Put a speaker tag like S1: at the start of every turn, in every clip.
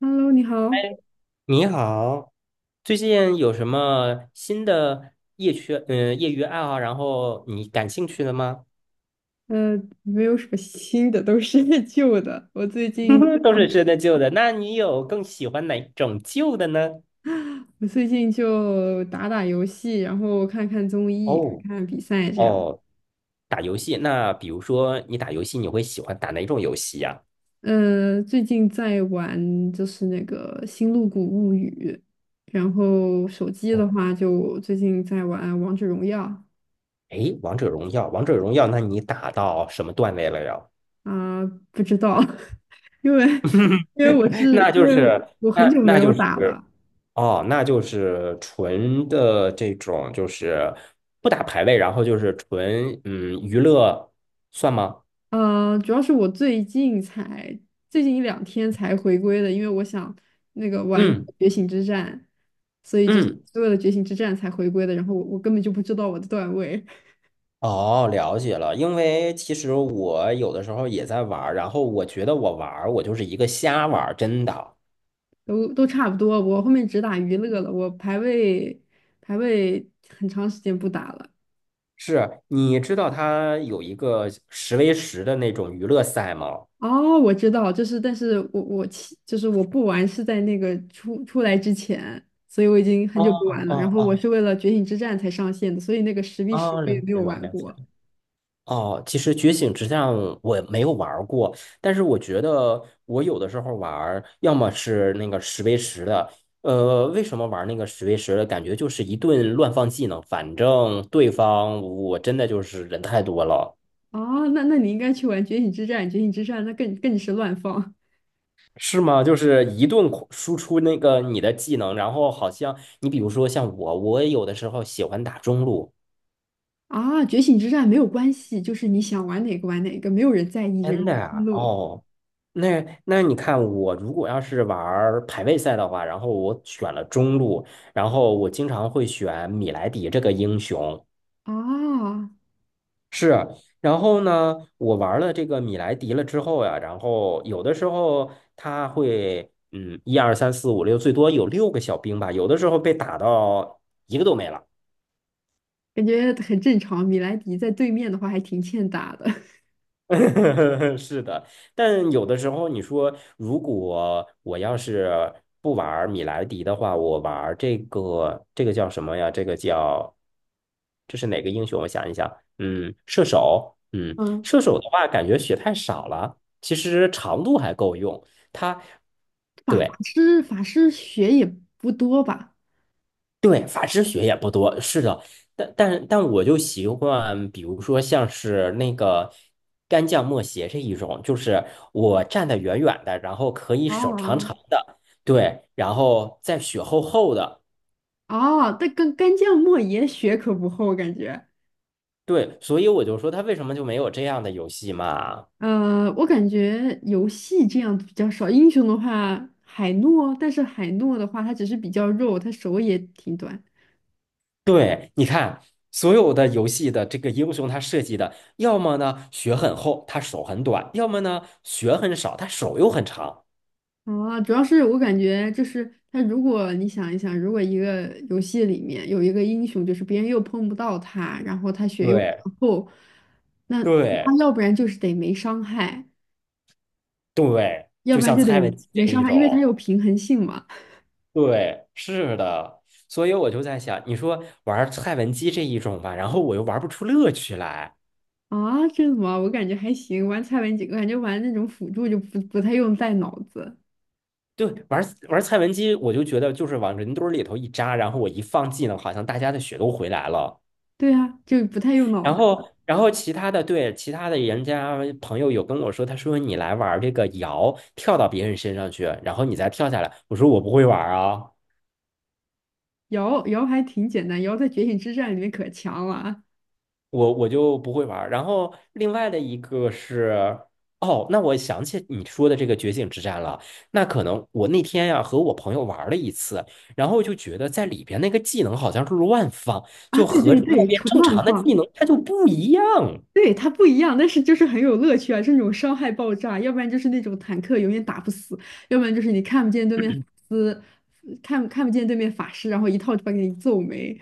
S1: Hello，你
S2: 哎，
S1: 好。
S2: 你好，最近有什么新的业余爱好，然后你感兴趣的吗？
S1: 没有什么新的，都是 旧的。
S2: 都是新的旧的，那你有更喜欢哪种旧的呢？
S1: 我最近就打打游戏，然后看看综艺，
S2: 哦
S1: 看看比赛这样。
S2: 哦，打游戏，那比如说你打游戏，你会喜欢打哪种游戏呀？
S1: 最近在玩就是那个《星露谷物语》，然后手机的
S2: 哦，
S1: 话就最近在玩《王者荣耀》。
S2: 哎，王者荣耀，王者荣耀，那你打到什么段位了呀？
S1: 啊，不知道，因为
S2: 那
S1: 因
S2: 就
S1: 为
S2: 是，
S1: 我很
S2: 那
S1: 久没
S2: 那
S1: 有
S2: 就是。
S1: 打了。
S2: 哦，那就是纯的这种，就是不打排位，然后就是纯娱乐，算吗？
S1: 主要是我最近才最近一两天才回归的，因为我想那个玩
S2: 嗯
S1: 觉醒之战，所以就是
S2: 嗯，
S1: 是为了觉醒之战才回归的。然后我根本就不知道我的段位，
S2: 哦，了解了。因为其实我有的时候也在玩儿，然后我觉得我玩儿，我就是一个瞎玩儿，真的
S1: 都差不多。我后面只打娱乐了，我排位很长时间不打了。
S2: 是。你知道它有一个十 v 十的那种娱乐赛吗？
S1: 哦，我知道，就是但是我就是我不玩是在那个出来之前，所以我已经很
S2: 哦
S1: 久不玩了。然
S2: 哦
S1: 后我
S2: 哦
S1: 是为了觉醒之战才上线的，所以那个10v10
S2: 哦，
S1: 我
S2: 了
S1: 也没
S2: 解
S1: 有
S2: 了，
S1: 玩
S2: 了解了。
S1: 过。
S2: 哦，其实觉醒之战我没有玩儿过，但是我觉得我有的时候玩儿要么是那个十 v 十的，为什么玩那个十 v 十的？感觉就是一顿乱放技能，反正对方我真的就是人太多了，
S1: 哦，那你应该去玩《觉醒之战》，《觉醒之战》那更是乱放
S2: 是吗？就是一顿狂输出那个你的技能，然后好像你比如说像我，我有的时候喜欢打中路，
S1: 啊！《觉醒之战》没有关系，就是你想玩哪个玩哪个，没有人在意这个
S2: 真
S1: 思
S2: 的啊，
S1: 路。
S2: 哦，那你看，我如果要是玩儿排位赛的话，然后我选了中路，然后我经常会选米莱狄这个英雄，
S1: 啊，
S2: 是。然后呢，我玩了这个米莱狄了之后呀，然后有的时候他会，嗯，一二三四五六，最多有六个小兵吧，有的时候被打到一个都没了。
S1: 感觉很正常。米莱迪在对面的话还挺欠打的。
S2: 是的，但有的时候你说，如果我要是不玩儿米莱狄的话，我玩儿这个这个叫什么呀？这个叫这是哪个英雄？我想一想，嗯，射手，嗯，
S1: 嗯，
S2: 射手的话，感觉血太少了，其实长度还够用。它
S1: 法法
S2: 对
S1: 师法师血也不多吧？
S2: 对，法师血也不多，是的，但我就习惯，比如说像是那个干将莫邪这一种，就是我站得远远的，然后可以手长
S1: 哦
S2: 长的，对，然后再血厚厚的，
S1: 哦，但干将莫邪血可不厚，感觉。
S2: 对，所以我就说他为什么就没有这样的游戏嘛？
S1: 我感觉游戏这样比较少，英雄的话海诺，但是海诺的话他只是比较肉，他手也挺短。
S2: 对，你看所有的游戏的这个英雄，他设计的要么呢血很厚，他手很短，要么呢血很少，他手又很长，
S1: 啊，主要是我感觉就是他，如果你想一想，如果一个游戏里面有一个英雄，就是别人又碰不到他，然后他血又比较
S2: 对
S1: 厚，那他
S2: 对。
S1: 要不然就是得没伤害，
S2: 对，
S1: 要
S2: 就
S1: 不然
S2: 像
S1: 就得
S2: 蔡文姬这
S1: 没伤
S2: 一
S1: 害，因为他有
S2: 种，
S1: 平衡性嘛。
S2: 对，是的，所以我就在想，你说玩蔡文姬这一种吧，然后我又玩不出乐趣来。
S1: 啊，这怎么？我感觉还行，玩蔡文姬，我感觉玩那种辅助就不太用带脑子。
S2: 对，玩蔡文姬，我就觉得就是往人堆儿里头一扎，然后我一放技能，好像大家的血都回来了。
S1: 对啊，就不太用脑
S2: 然
S1: 子。
S2: 后，然后其他的对其他的人家朋友有跟我说，他说你来玩这个瑶，跳到别人身上去，然后你再跳下来。我说我不会玩啊。
S1: 瑶还挺简单，瑶在《觉醒之战》里面可强了啊！
S2: 我就不会玩儿。然后另外的一个是，哦，那我想起你说的这个觉醒之战了。那可能我那天呀、和我朋友玩儿了一次，然后就觉得在里边那个技能好像是乱放，
S1: 啊，
S2: 就
S1: 对
S2: 和
S1: 对
S2: 外
S1: 对，
S2: 边
S1: 纯
S2: 正
S1: 乱
S2: 常的技
S1: 放。
S2: 能它就不一样。
S1: 对，它不一样，但是就是很有乐趣啊！这种伤害爆炸，要不然就是那种坦克永远打不死，要不然就是你看不见对面法师，看不见对面法师，然后一套就把给你揍没。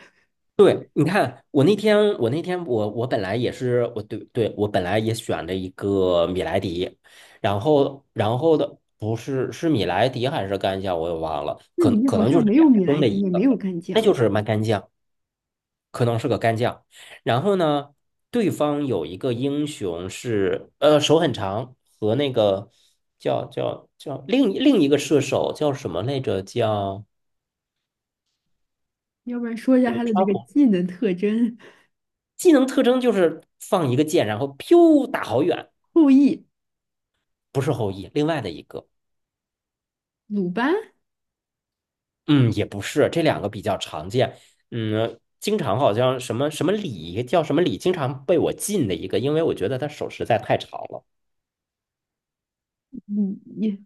S2: 对，你看，我那天，我那天我，我本来也是，我对对，我本来也选了一个米莱狄，然后不是是米莱狄还是干将，我也忘了，
S1: 那
S2: 可
S1: 里面
S2: 可
S1: 好
S2: 能就
S1: 像
S2: 是
S1: 没有
S2: 两个
S1: 米
S2: 中
S1: 莱
S2: 的一
S1: 狄，也没
S2: 个，
S1: 有干
S2: 那
S1: 将，
S2: 就是蛮干将，可能是个干将。然后呢，对方有一个英雄是呃手很长和那个叫另一个射手叫什么来着？叫
S1: 要不然说一下他的那
S2: 川
S1: 个
S2: 普
S1: 技能特征。
S2: 技能特征就是放一个箭，然后飘打好远，
S1: 后羿、
S2: 不是后羿，另外的一个，
S1: 鲁班，
S2: 嗯，也不是，这两个比较常见，嗯，经常好像什么什么李叫什么李，经常被我禁的一个，因为我觉得他手实在太长了。
S1: 李你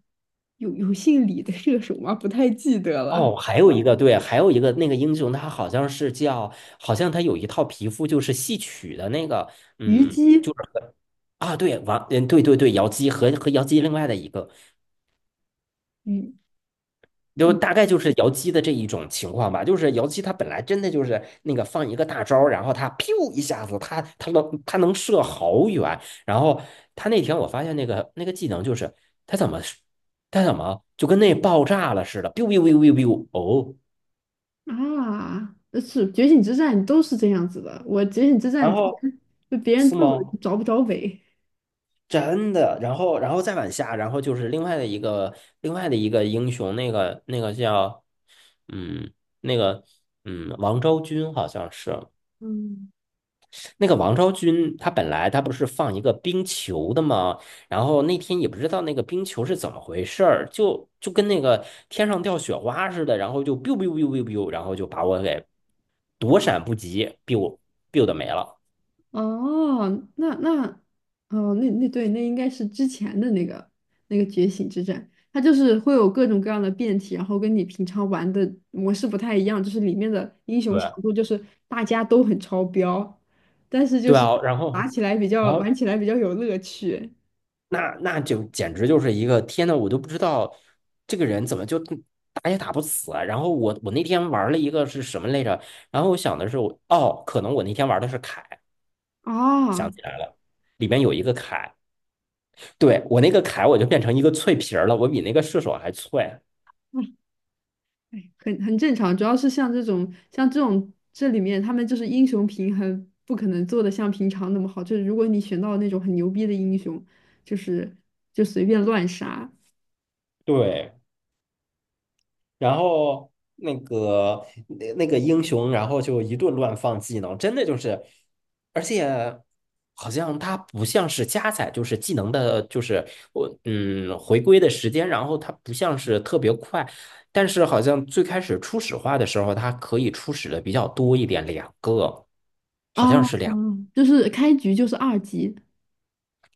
S1: 有姓李的射手吗？不太记得了。
S2: 哦，还有一个对，还有一个那个英雄，他好像是叫，好像他有一套皮肤就是戏曲的那个，
S1: 虞
S2: 嗯，
S1: 姬。
S2: 就是啊，对，王，嗯，对对对，瑶姬和瑶姬另外的一个。
S1: 嗯
S2: 就
S1: 嗯
S2: 大概就是姚姬的这一种情况吧，就是姚姬她本来真的就是那个放一个大招儿然后她 piu 一下子，她能射好远，然后她那天我发现那个那个技能就是她怎么她怎么就跟那爆炸了似的，biu biu biu biu biu，哦，
S1: 啊，是《觉醒之战》都是这样子的。我《觉醒之战》
S2: 然
S1: 之
S2: 后
S1: 前就别人
S2: 是
S1: 揍我就
S2: 吗？
S1: 找不着北。
S2: 真的，然后再往下，然后就是另外的一个英雄，那个叫嗯那个王昭君好像是，
S1: 嗯，
S2: 那个王昭君，她本来她不是放一个冰球的吗？然后那天也不知道那个冰球是怎么回事儿，就跟那个天上掉雪花似的，然后就 biu biu biu biu biu，然后就把我给躲闪不及，biu biu 的没了。
S1: 哦，那那哦，那对，那应该是之前的那个觉醒之战，它就是会有各种各样的变体，然后跟你平常玩的模式不太一样，就是里面的英雄强
S2: 对
S1: 度就是大家都很超标，但是就
S2: 对
S1: 是
S2: 啊，然
S1: 打
S2: 后
S1: 起来比
S2: 然
S1: 较
S2: 后
S1: 玩起来比较有乐趣
S2: 那就简直就是一个天呐，我都不知道这个人怎么就打也打不死啊。然后我那天玩了一个是什么来着？然后我想的是我哦，可能我那天玩的是凯。
S1: 啊。
S2: 想起来了，里面有一个铠，对，我那个铠我就变成一个脆皮儿了，我比那个射手还脆。
S1: 哎，很正常，主要是像这种这里面，他们就是英雄平衡不可能做的像平常那么好。就是如果你选到那种很牛逼的英雄，就是就随便乱杀
S2: 对，然后那个英雄，然后就一顿乱放技能，真的就是，而且好像它不像是加载，就是技能的，就是我回归的时间，然后它不像是特别快，但是好像最开始初始化的时候，它可以初始的比较多一点，两个好
S1: 啊。
S2: 像是两
S1: 就是开局就是2级。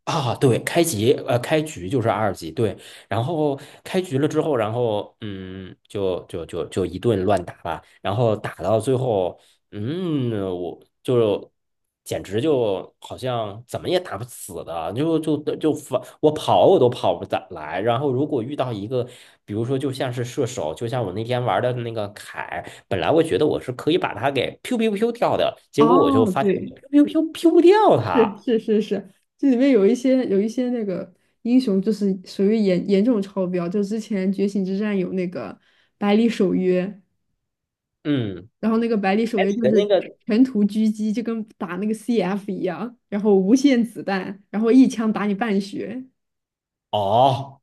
S2: 啊，对，开局就是二级，对，然后开局了之后，然后就一顿乱打吧，然后打到最后，嗯，我就简直就好像怎么也打不死的，就反我跑我都跑不咋来，然后如果遇到一个，比如说就像是射手，就像我那天玩的那个凯，本来我觉得我是可以把他给 pew pew pew 掉的，结果我就
S1: 哦，
S2: 发现我
S1: 对，
S2: pew pew pew p e 不掉
S1: 是
S2: 他，
S1: 是是是，这里面有一些那个英雄就是属于严重超标，就之前觉醒之战有那个百里守约。
S2: 嗯。
S1: 然后那个百里守
S2: 海里
S1: 约就
S2: 的
S1: 是
S2: 那个，
S1: 全图狙击，就跟打那个 CF 一样，然后无限子弹，然后一枪打你半血。
S2: 哦，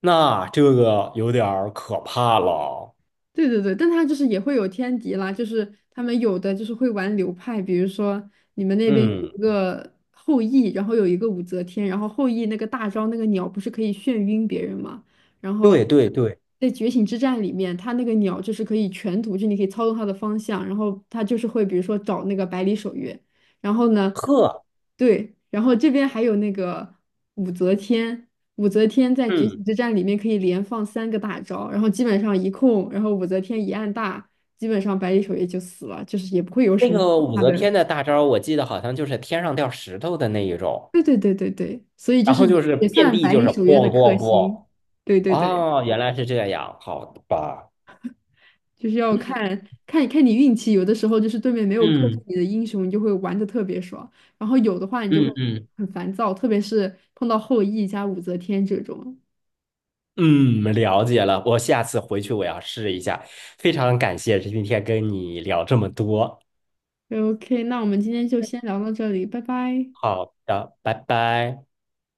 S2: 那这个有点儿可怕了。
S1: 对对对，但他就是也会有天敌啦，就是他们有的就是会玩流派，比如说你们那边有
S2: 嗯，
S1: 一个后羿，然后有一个武则天，然后后羿那个大招那个鸟不是可以眩晕别人吗？然后
S2: 对对对，
S1: 在觉醒之战里面，他那个鸟就是可以全图，就你可以操纵它的方向，然后他就是会比如说找那个百里守约。然后呢，
S2: 呵，
S1: 对，然后这边还有那个武则天，武则天在觉醒
S2: 嗯，
S1: 之战里面可以连放三个大招，然后基本上一控，然后武则天一按大，基本上百里守约就死了，就是也不会有
S2: 那
S1: 什么
S2: 个武
S1: 大
S2: 则
S1: 的。
S2: 天的大招，我记得好像就是天上掉石头的那一种，
S1: 对对对对对，所以就
S2: 然
S1: 是
S2: 后
S1: 也
S2: 就是
S1: 也
S2: 遍
S1: 算
S2: 地
S1: 百
S2: 就
S1: 里
S2: 是
S1: 守约的
S2: 咣
S1: 克
S2: 咣
S1: 星。
S2: 咣。
S1: 对对对，
S2: 哦，原来是这样，好的吧。
S1: 就是要看你运气，有的时候就是对面没有克制
S2: 嗯
S1: 你的英雄，你就会玩的特别爽，然后有的话你就会
S2: 嗯嗯
S1: 很烦躁，特别是碰到后羿加武则天这种。
S2: 嗯，了解了，我下次回去我要试一下。非常感谢今天跟你聊这么多，
S1: OK，那我们今天就先聊到这里，拜拜。
S2: 好的，拜拜。